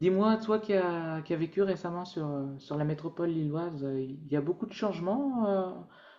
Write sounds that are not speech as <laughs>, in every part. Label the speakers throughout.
Speaker 1: Dis-moi, toi qui as vécu récemment sur, sur la métropole lilloise, il y a beaucoup de changements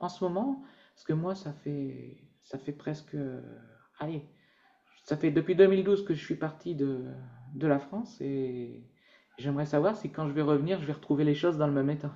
Speaker 1: en ce moment? Parce que moi, ça fait allez, ça fait depuis 2012 que je suis parti de la France, et j'aimerais savoir si quand je vais revenir, je vais retrouver les choses dans le même état.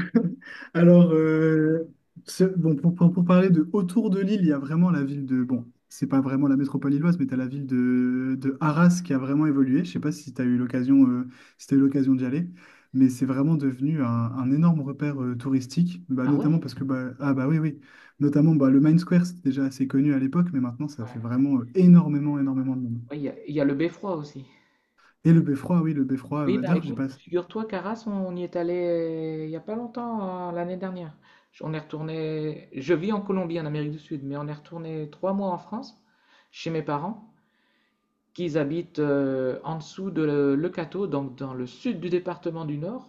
Speaker 2: <laughs> Alors, euh, pour parler de autour de Lille, il y a vraiment la ville de... Bon, c'est pas vraiment la métropole lilloise, mais tu as la ville de Arras qui a vraiment évolué. Je sais pas si tu as eu l'occasion si t'as eu l'occasion d'y aller, mais c'est vraiment devenu un énorme repère touristique, bah,
Speaker 1: Ah ouais?
Speaker 2: notamment parce que... Bah, ah bah oui, oui. Notamment, bah, le Main Square, c'était déjà assez connu à l'époque, mais maintenant, ça fait
Speaker 1: Ouais,
Speaker 2: vraiment énormément, énormément de monde.
Speaker 1: ouais, il y a le beffroi aussi.
Speaker 2: Et le Beffroi, oui, le Beffroi.
Speaker 1: Oui,
Speaker 2: Bah,
Speaker 1: bah
Speaker 2: d'ailleurs, j'ai
Speaker 1: écoute,
Speaker 2: pas...
Speaker 1: figure-toi qu'Arras, on y est allé il n'y a pas longtemps, l'année dernière. On est retourné, je vis en Colombie, en Amérique du Sud, mais on est retourné trois mois en France, chez mes parents, qui habitent en dessous de Le Cateau, donc dans le sud du département du Nord.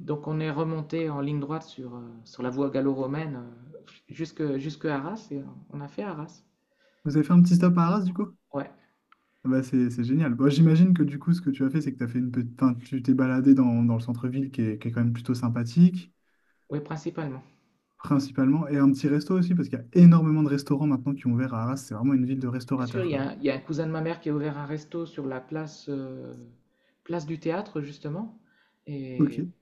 Speaker 1: Donc on est remonté en ligne droite sur, sur la voie gallo-romaine, euh, jusque Arras, et on a fait Arras.
Speaker 2: Vous avez fait un petit stop à Arras, du coup?
Speaker 1: Ouais,
Speaker 2: Ah bah c'est génial. Bon, j'imagine que du coup, ce que tu as fait, c'est que t'as fait une petite... enfin, tu t'es baladé dans, dans le centre-ville qui est quand même plutôt sympathique,
Speaker 1: ouais, principalement.
Speaker 2: principalement, et un petit resto aussi, parce qu'il y a énormément de restaurants maintenant qui ont ouvert à Arras. C'est vraiment une ville de
Speaker 1: Bien sûr,
Speaker 2: restaurateurs, quoi.
Speaker 1: il y a un cousin de ma mère qui a ouvert un resto sur la place, place du théâtre, justement. Et
Speaker 2: Ok.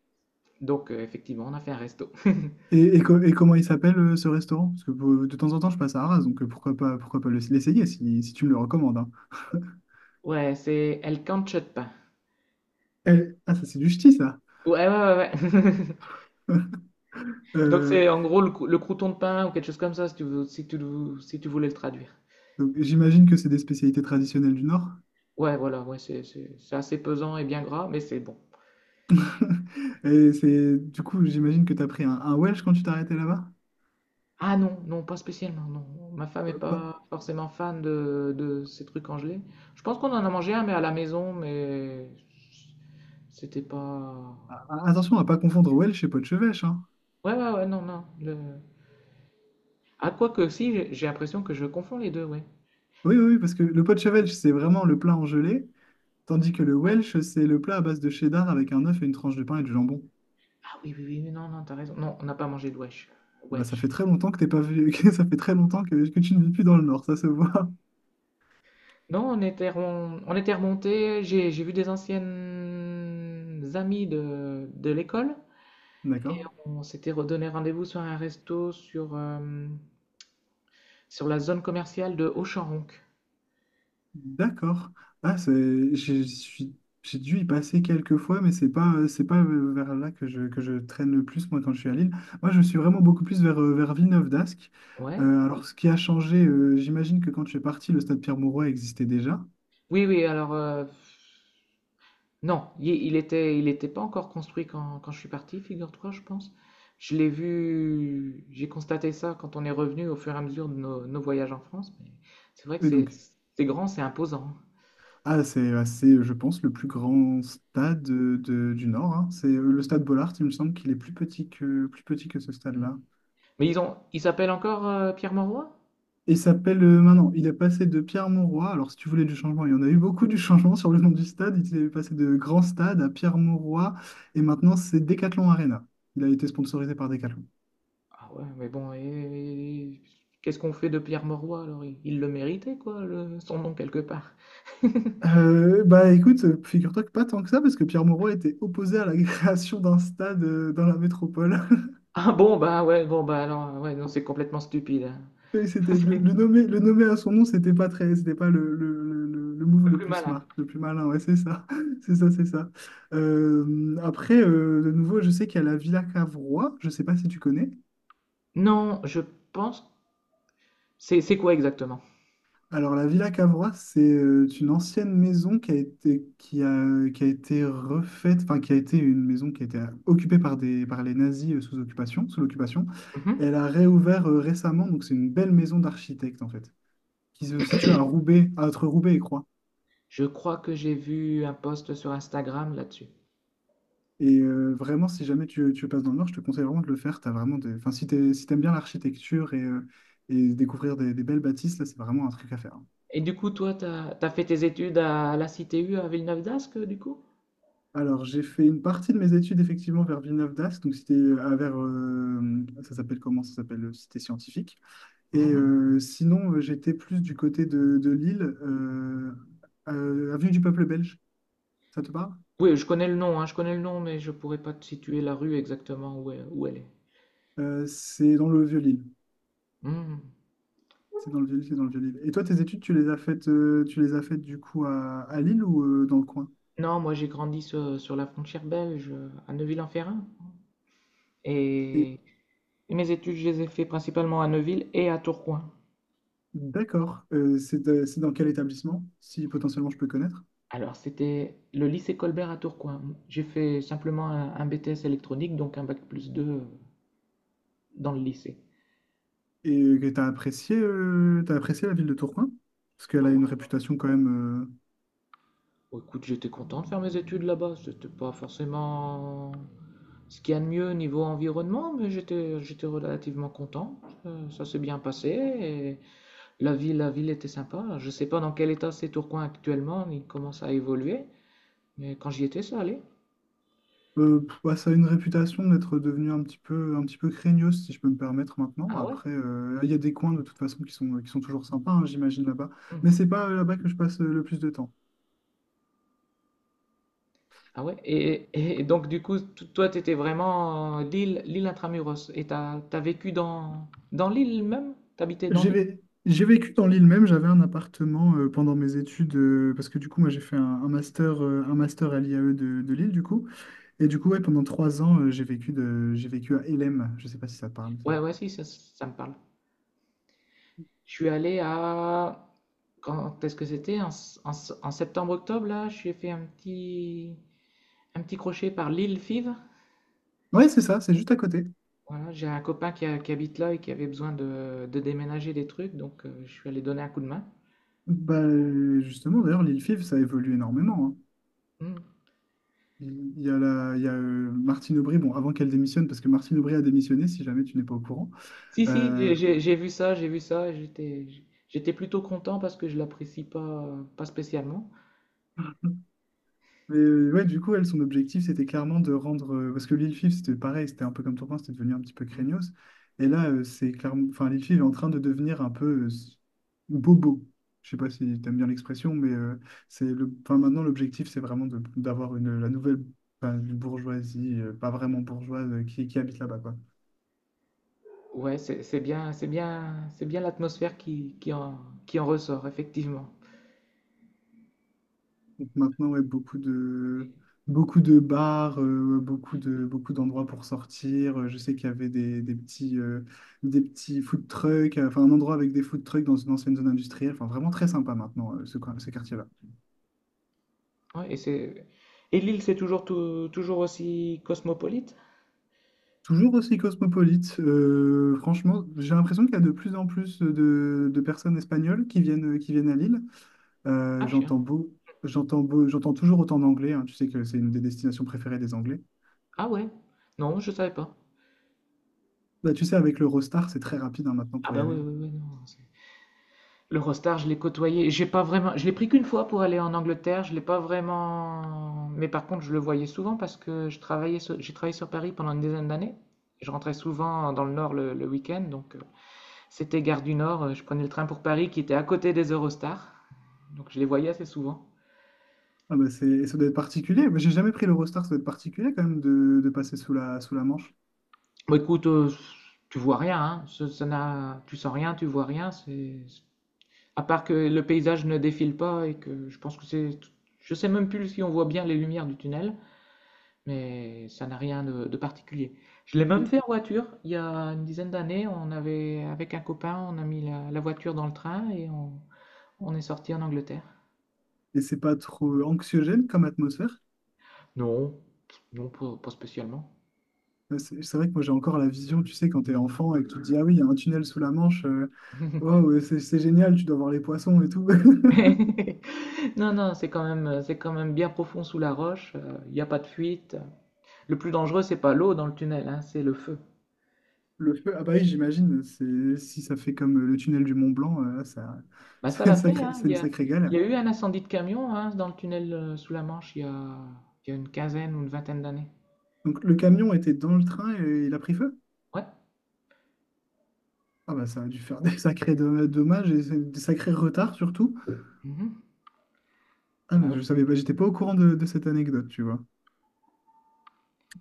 Speaker 1: donc, effectivement, on a fait un resto. <laughs>
Speaker 2: Et comment il s'appelle ce restaurant? Parce que de temps en temps, je passe à Arras, donc pourquoi pas, l'essayer si, si tu me le recommandes, hein.
Speaker 1: Ouais, c'est El cancho de pain.
Speaker 2: Eh, ah, ça, c'est du ch'ti, ça.
Speaker 1: Ouais, ouais, ouais, ouais. <laughs>
Speaker 2: <laughs>
Speaker 1: Donc, c'est
Speaker 2: Euh,
Speaker 1: en gros le crouton de pain ou quelque chose comme ça, si tu, si tu voulais le traduire.
Speaker 2: donc, j'imagine que c'est des spécialités traditionnelles du Nord.
Speaker 1: Ouais, voilà, ouais, c'est assez pesant et bien gras, mais c'est bon.
Speaker 2: <laughs> Et c'est, du coup, j'imagine que tu as pris un Welsh quand tu t'es arrêté là-bas?
Speaker 1: Ah non, non, pas spécialement, non. Ma femme est pas forcément fan de ces trucs congelés. Je pense qu'on en a mangé un, mais à la maison, mais c'était pas...
Speaker 2: Ah, ah, attention à pas confondre Welsh et Potchevêche, hein.
Speaker 1: Ouais, ouais, ouais, non, non. Le... Ah, quoi que si, j'ai l'impression que je confonds les deux, ouais.
Speaker 2: Oui, oui, oui, parce que le Potchevêche, c'est vraiment le plat en gelée, tandis que le
Speaker 1: Ouais.
Speaker 2: Welsh, c'est le plat à base de cheddar avec un œuf et une tranche de pain et du jambon.
Speaker 1: Ah oui, oui, oui, oui, non, non, t'as raison. Non, on n'a pas mangé de Welsh.
Speaker 2: Eh ben, ça fait
Speaker 1: Welsh.
Speaker 2: très longtemps que t'es pas vu, <laughs> que ça fait très longtemps que tu ne vis plus dans le Nord, ça se voit.
Speaker 1: Non, on était remonté. J'ai vu des anciennes amies de l'école.
Speaker 2: <laughs> D'accord.
Speaker 1: On s'était redonné rendez-vous sur un resto sur, sur la zone commerciale de Auchenronc.
Speaker 2: D'accord. Ah, c'est, j'ai dû y passer quelques fois, mais c'est pas vers là que je traîne le plus, moi, quand je suis à Lille. Moi, je suis vraiment beaucoup plus vers, vers Villeneuve-d'Ascq.
Speaker 1: Ouais.
Speaker 2: Alors, ce qui a changé, j'imagine que quand tu es parti, le stade Pierre-Mauroy existait déjà.
Speaker 1: Oui, oui, non, il était pas encore construit quand je suis parti, figure-toi, je pense. Je l'ai vu, j'ai constaté ça quand on est revenu au fur et à mesure de nos, nos voyages en France. Mais c'est vrai que
Speaker 2: Et donc,
Speaker 1: c'est grand, c'est imposant.
Speaker 2: ah, c'est, ouais, c'est, je pense, le plus grand stade du Nord, hein. C'est le stade Bollard, il me semble qu'il est plus petit que ce
Speaker 1: Hein.
Speaker 2: stade-là.
Speaker 1: Mais ils ont, ils s'appellent encore Pierre Mauroy?
Speaker 2: Et il s'appelle maintenant, il a passé de Pierre-Mauroy. Alors, si tu voulais du changement, il y en a eu beaucoup du changement sur le nom du stade. Il est passé de Grand Stade à Pierre-Mauroy. Et maintenant, c'est Decathlon Arena. Il a été sponsorisé par Decathlon.
Speaker 1: Ah ouais, mais bon, qu'est-ce qu'on fait de Pierre Mauroy alors? Il le méritait, quoi, son nom quelque part. <laughs>
Speaker 2: Bah écoute, figure-toi que pas tant que ça, parce que Pierre Moreau était opposé à la <laughs> création d'un stade dans la métropole.
Speaker 1: Ah bon, bah ouais, bon, bah alors, ouais, non, c'est complètement stupide. Hein.
Speaker 2: Oui, c'était le nommer à son nom, c'était pas très, c'était pas le move
Speaker 1: Le
Speaker 2: le
Speaker 1: plus
Speaker 2: plus
Speaker 1: malin.
Speaker 2: smart, le plus malin, ouais, c'est ça, <laughs> c'est ça, c'est ça. Après, de nouveau, je sais qu'il y a la Villa Cavrois, je sais pas si tu connais.
Speaker 1: Non, je pense. C'est quoi exactement?
Speaker 2: Alors, la Villa Cavrois, c'est une ancienne maison qui a été refaite, enfin, qui a été une maison qui a été occupée par des, par les nazis sous occupation, sous l'occupation.
Speaker 1: Mhm.
Speaker 2: Elle a réouvert récemment, donc c'est une belle maison d'architecte, en fait, qui se situe à Roubaix, entre Roubaix et Croix.
Speaker 1: Je crois que j'ai vu un post sur Instagram là-dessus.
Speaker 2: Et vraiment, si jamais tu, tu passes dans le Nord, je te conseille vraiment de le faire. T'as vraiment des... enfin, si t'aimes bien l'architecture et découvrir des belles bâtisses, là, c'est vraiment un truc à faire.
Speaker 1: Et du coup, toi, t'as fait tes études à la CTU à Villeneuve-d'Ascq, du coup?
Speaker 2: Alors, j'ai fait une partie de mes études, effectivement, vers Villeneuve-d'Ascq. Donc, c'était à vers... ça s'appelle comment? Ça s'appelle Cité Scientifique. Et
Speaker 1: Mhm.
Speaker 2: sinon, j'étais plus du côté de Lille, Avenue du Peuple Belge. Ça te parle?
Speaker 1: Oui, je connais le nom, hein, je connais le nom, mais je pourrais pas te situer la rue exactement où elle est.
Speaker 2: C'est dans le Vieux-Lille.
Speaker 1: Mhm.
Speaker 2: C'est dans le vieux, c'est dans le vieux Lille. Et toi, tes études, tu les as faites, tu les as faites du coup à Lille ou dans le coin?
Speaker 1: Non, moi j'ai grandi sur, sur la frontière belge, à Neuville-en-Ferrain.
Speaker 2: Et
Speaker 1: Et mes études, je les ai fait principalement à Neuville et à Tourcoing.
Speaker 2: d'accord, c'est dans quel établissement, si potentiellement je peux connaître?
Speaker 1: Alors, c'était le lycée Colbert à Tourcoing. J'ai fait simplement un BTS électronique, donc un bac plus 2 dans le lycée.
Speaker 2: Et t'as apprécié la ville de Tourcoing? Parce qu'elle
Speaker 1: Ah
Speaker 2: a
Speaker 1: ouais,
Speaker 2: une
Speaker 1: non.
Speaker 2: réputation quand même,
Speaker 1: Bon, écoute, j'étais content de faire mes études là-bas. C'était pas forcément ce qu'il y a de mieux niveau environnement, mais j'étais relativement content. Ça s'est bien passé. Et la ville était sympa. Je sais pas dans quel état c'est Tourcoing actuellement. Il commence à évoluer, mais quand j'y étais, ça allait.
Speaker 2: pff, ouais, ça a une réputation d'être devenue un petit peu craignos, si je peux me permettre maintenant.
Speaker 1: Ah ouais?
Speaker 2: Après, il y a des coins de toute façon qui sont toujours sympas, hein, j'imagine là-bas.
Speaker 1: Hmm.
Speaker 2: Mais c'est pas là-bas que je passe le plus de temps.
Speaker 1: Ah ouais, et donc du coup, toi, tu étais vraiment Lille l'île Intramuros, et t'as vécu dans, dans Lille même? T'habitais dans
Speaker 2: J'ai
Speaker 1: Lille.
Speaker 2: vé- j'ai vécu dans l'île même, j'avais un appartement pendant mes études, parce que du coup, moi j'ai fait un master à l'IAE de Lille, du coup. Et du coup, ouais, pendant 3 ans, j'ai vécu, de, j'ai vécu à Hélène, je sais pas si ça te parle, ça.
Speaker 1: Ouais, ouais, si, ça me parle. Je suis allé à... Quand est-ce que c'était? En septembre-octobre, là, j'ai fait un petit crochet par Lille Fives.
Speaker 2: Ouais, c'est ça, c'est juste à côté.
Speaker 1: Voilà, j'ai un copain qui habite là et qui avait besoin de déménager des trucs, donc je suis allé donner un coup de main.
Speaker 2: Bah, justement, d'ailleurs, l'île FIV, ça évolue énormément, hein.
Speaker 1: Hmm.
Speaker 2: Il y a, la, il y a Martine Aubry, bon, avant qu'elle démissionne, parce que Martine Aubry a démissionné, si jamais tu n'es pas au courant.
Speaker 1: Si, si,
Speaker 2: Euh,
Speaker 1: j'ai vu ça, j'étais, j'étais plutôt content parce que je l'apprécie pas, pas spécialement.
Speaker 2: Mais ouais, du coup, elle, son objectif, c'était clairement de rendre. Parce que Lil Fif, c'était pareil, c'était un peu comme Tourcoing c'était devenu un petit peu
Speaker 1: Hmm.
Speaker 2: craignos. Et là, c'est clairement. Enfin, Lil Fif est en train de devenir un peu bobo. Je sais pas si t'aimes bien l'expression, mais c'est le. Enfin, maintenant, l'objectif, c'est vraiment d'avoir une la nouvelle enfin, une bourgeoisie, pas vraiment bourgeoise, qui habite là-bas, quoi.
Speaker 1: Ouais, c'est bien, c'est bien, c'est bien l'atmosphère qui en ressort, effectivement.
Speaker 2: Donc maintenant, ouais, beaucoup de bars, beaucoup de, beaucoup d'endroits pour sortir. Je sais qu'il y avait des petits food trucks, enfin un endroit avec des food trucks dans une ancienne zone industrielle. Enfin, vraiment très sympa maintenant, ce quartier-là.
Speaker 1: Ouais, et c'est, et l'île, c'est toujours, toujours aussi cosmopolite?
Speaker 2: Toujours aussi cosmopolite. Franchement, j'ai l'impression qu'il y a de plus en plus de personnes espagnoles qui viennent à Lille. Euh,
Speaker 1: Ah, tiens.
Speaker 2: j'entends beau, J'entends toujours autant d'anglais, hein. Tu sais que c'est une des destinations préférées des Anglais.
Speaker 1: Ah ouais, non, je savais pas.
Speaker 2: Bah, tu sais, avec l'Eurostar, c'est très rapide hein, maintenant
Speaker 1: Ah
Speaker 2: pour y
Speaker 1: bah oui,
Speaker 2: aller.
Speaker 1: oui, oui, non. L'Eurostar, je l'ai côtoyé. J'ai pas vraiment, je l'ai pris qu'une fois pour aller en Angleterre. Je l'ai pas vraiment. Mais par contre, je le voyais souvent parce que j'ai travaillé sur Paris pendant une dizaine d'années. Je rentrais souvent dans le Nord le week-end, donc c'était gare du Nord. Je prenais le train pour Paris qui était à côté des Eurostars, donc je les voyais assez souvent.
Speaker 2: Ah bah c'est, ça doit être particulier. Mais j'ai jamais pris l'Eurostar, ça doit être particulier quand même de passer sous la Manche.
Speaker 1: Bon, écoute, tu vois rien, hein. Ça n'a, tu sens rien, tu vois rien. C'est, à part que le paysage ne défile pas, et que je pense que c'est, je sais même plus si on voit bien les lumières du tunnel. Mais ça n'a rien de, de particulier. Je l'ai même
Speaker 2: Oui.
Speaker 1: fait en voiture. Il y a une dizaine d'années, on avait, avec un copain, on a mis la, la voiture dans le train et on est sorti en Angleterre.
Speaker 2: Et c'est pas trop anxiogène comme atmosphère.
Speaker 1: Non, non, pas, pas spécialement.
Speaker 2: C'est vrai que moi j'ai encore la vision, tu sais, quand t'es enfant et que tu te dis, ah oui, il y a un tunnel sous la Manche, oh,
Speaker 1: <laughs>
Speaker 2: ouais, c'est génial, tu dois voir les poissons et tout. <laughs>
Speaker 1: Non, non, c'est quand même bien profond sous la roche. Il n'y a pas de fuite. Le plus dangereux, c'est pas l'eau dans le tunnel, hein, c'est le feu.
Speaker 2: Le feu, ah bah oui, j'imagine, c'est, si ça fait comme le tunnel du Mont Blanc, ça, <laughs>
Speaker 1: Bah, ça l'a fait, hein.
Speaker 2: c'est une sacrée
Speaker 1: Il
Speaker 2: galère.
Speaker 1: y a eu un incendie de camion, hein, dans le tunnel sous la Manche il y a une quinzaine ou une vingtaine d'années.
Speaker 2: Donc le camion était dans le train et il a pris feu?
Speaker 1: Ouais.
Speaker 2: Ah bah ça a dû faire des sacrés dommages et des sacrés retards surtout.
Speaker 1: Mhm.
Speaker 2: Ah,
Speaker 1: Bah
Speaker 2: mais je
Speaker 1: oui.
Speaker 2: savais pas, j'étais pas au courant de cette anecdote, tu vois.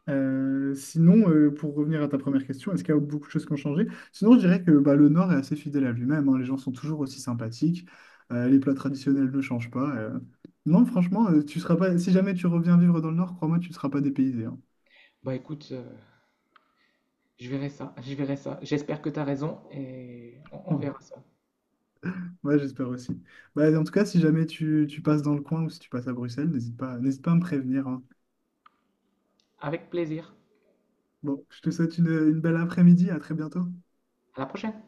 Speaker 2: Sinon, pour revenir à ta première question, est-ce qu'il y a beaucoup de choses qui ont changé? Sinon, je dirais que bah, le Nord est assez fidèle à lui-même, hein. Les gens sont toujours aussi sympathiques, les plats traditionnels ne changent pas. Non, franchement, tu seras pas, si jamais tu reviens vivre dans le Nord, crois-moi, tu ne seras pas dépaysé, hein.
Speaker 1: Bah écoute, je verrai ça, je verrai ça. J'espère que tu as raison et on
Speaker 2: <laughs>
Speaker 1: verra ça.
Speaker 2: Ouais, j'espère aussi. Bah, en tout cas, si jamais tu, tu passes dans le coin ou si tu passes à Bruxelles, n'hésite pas à me prévenir, hein.
Speaker 1: Avec plaisir.
Speaker 2: Bon, je te souhaite une belle après-midi, à très bientôt.
Speaker 1: À la prochaine.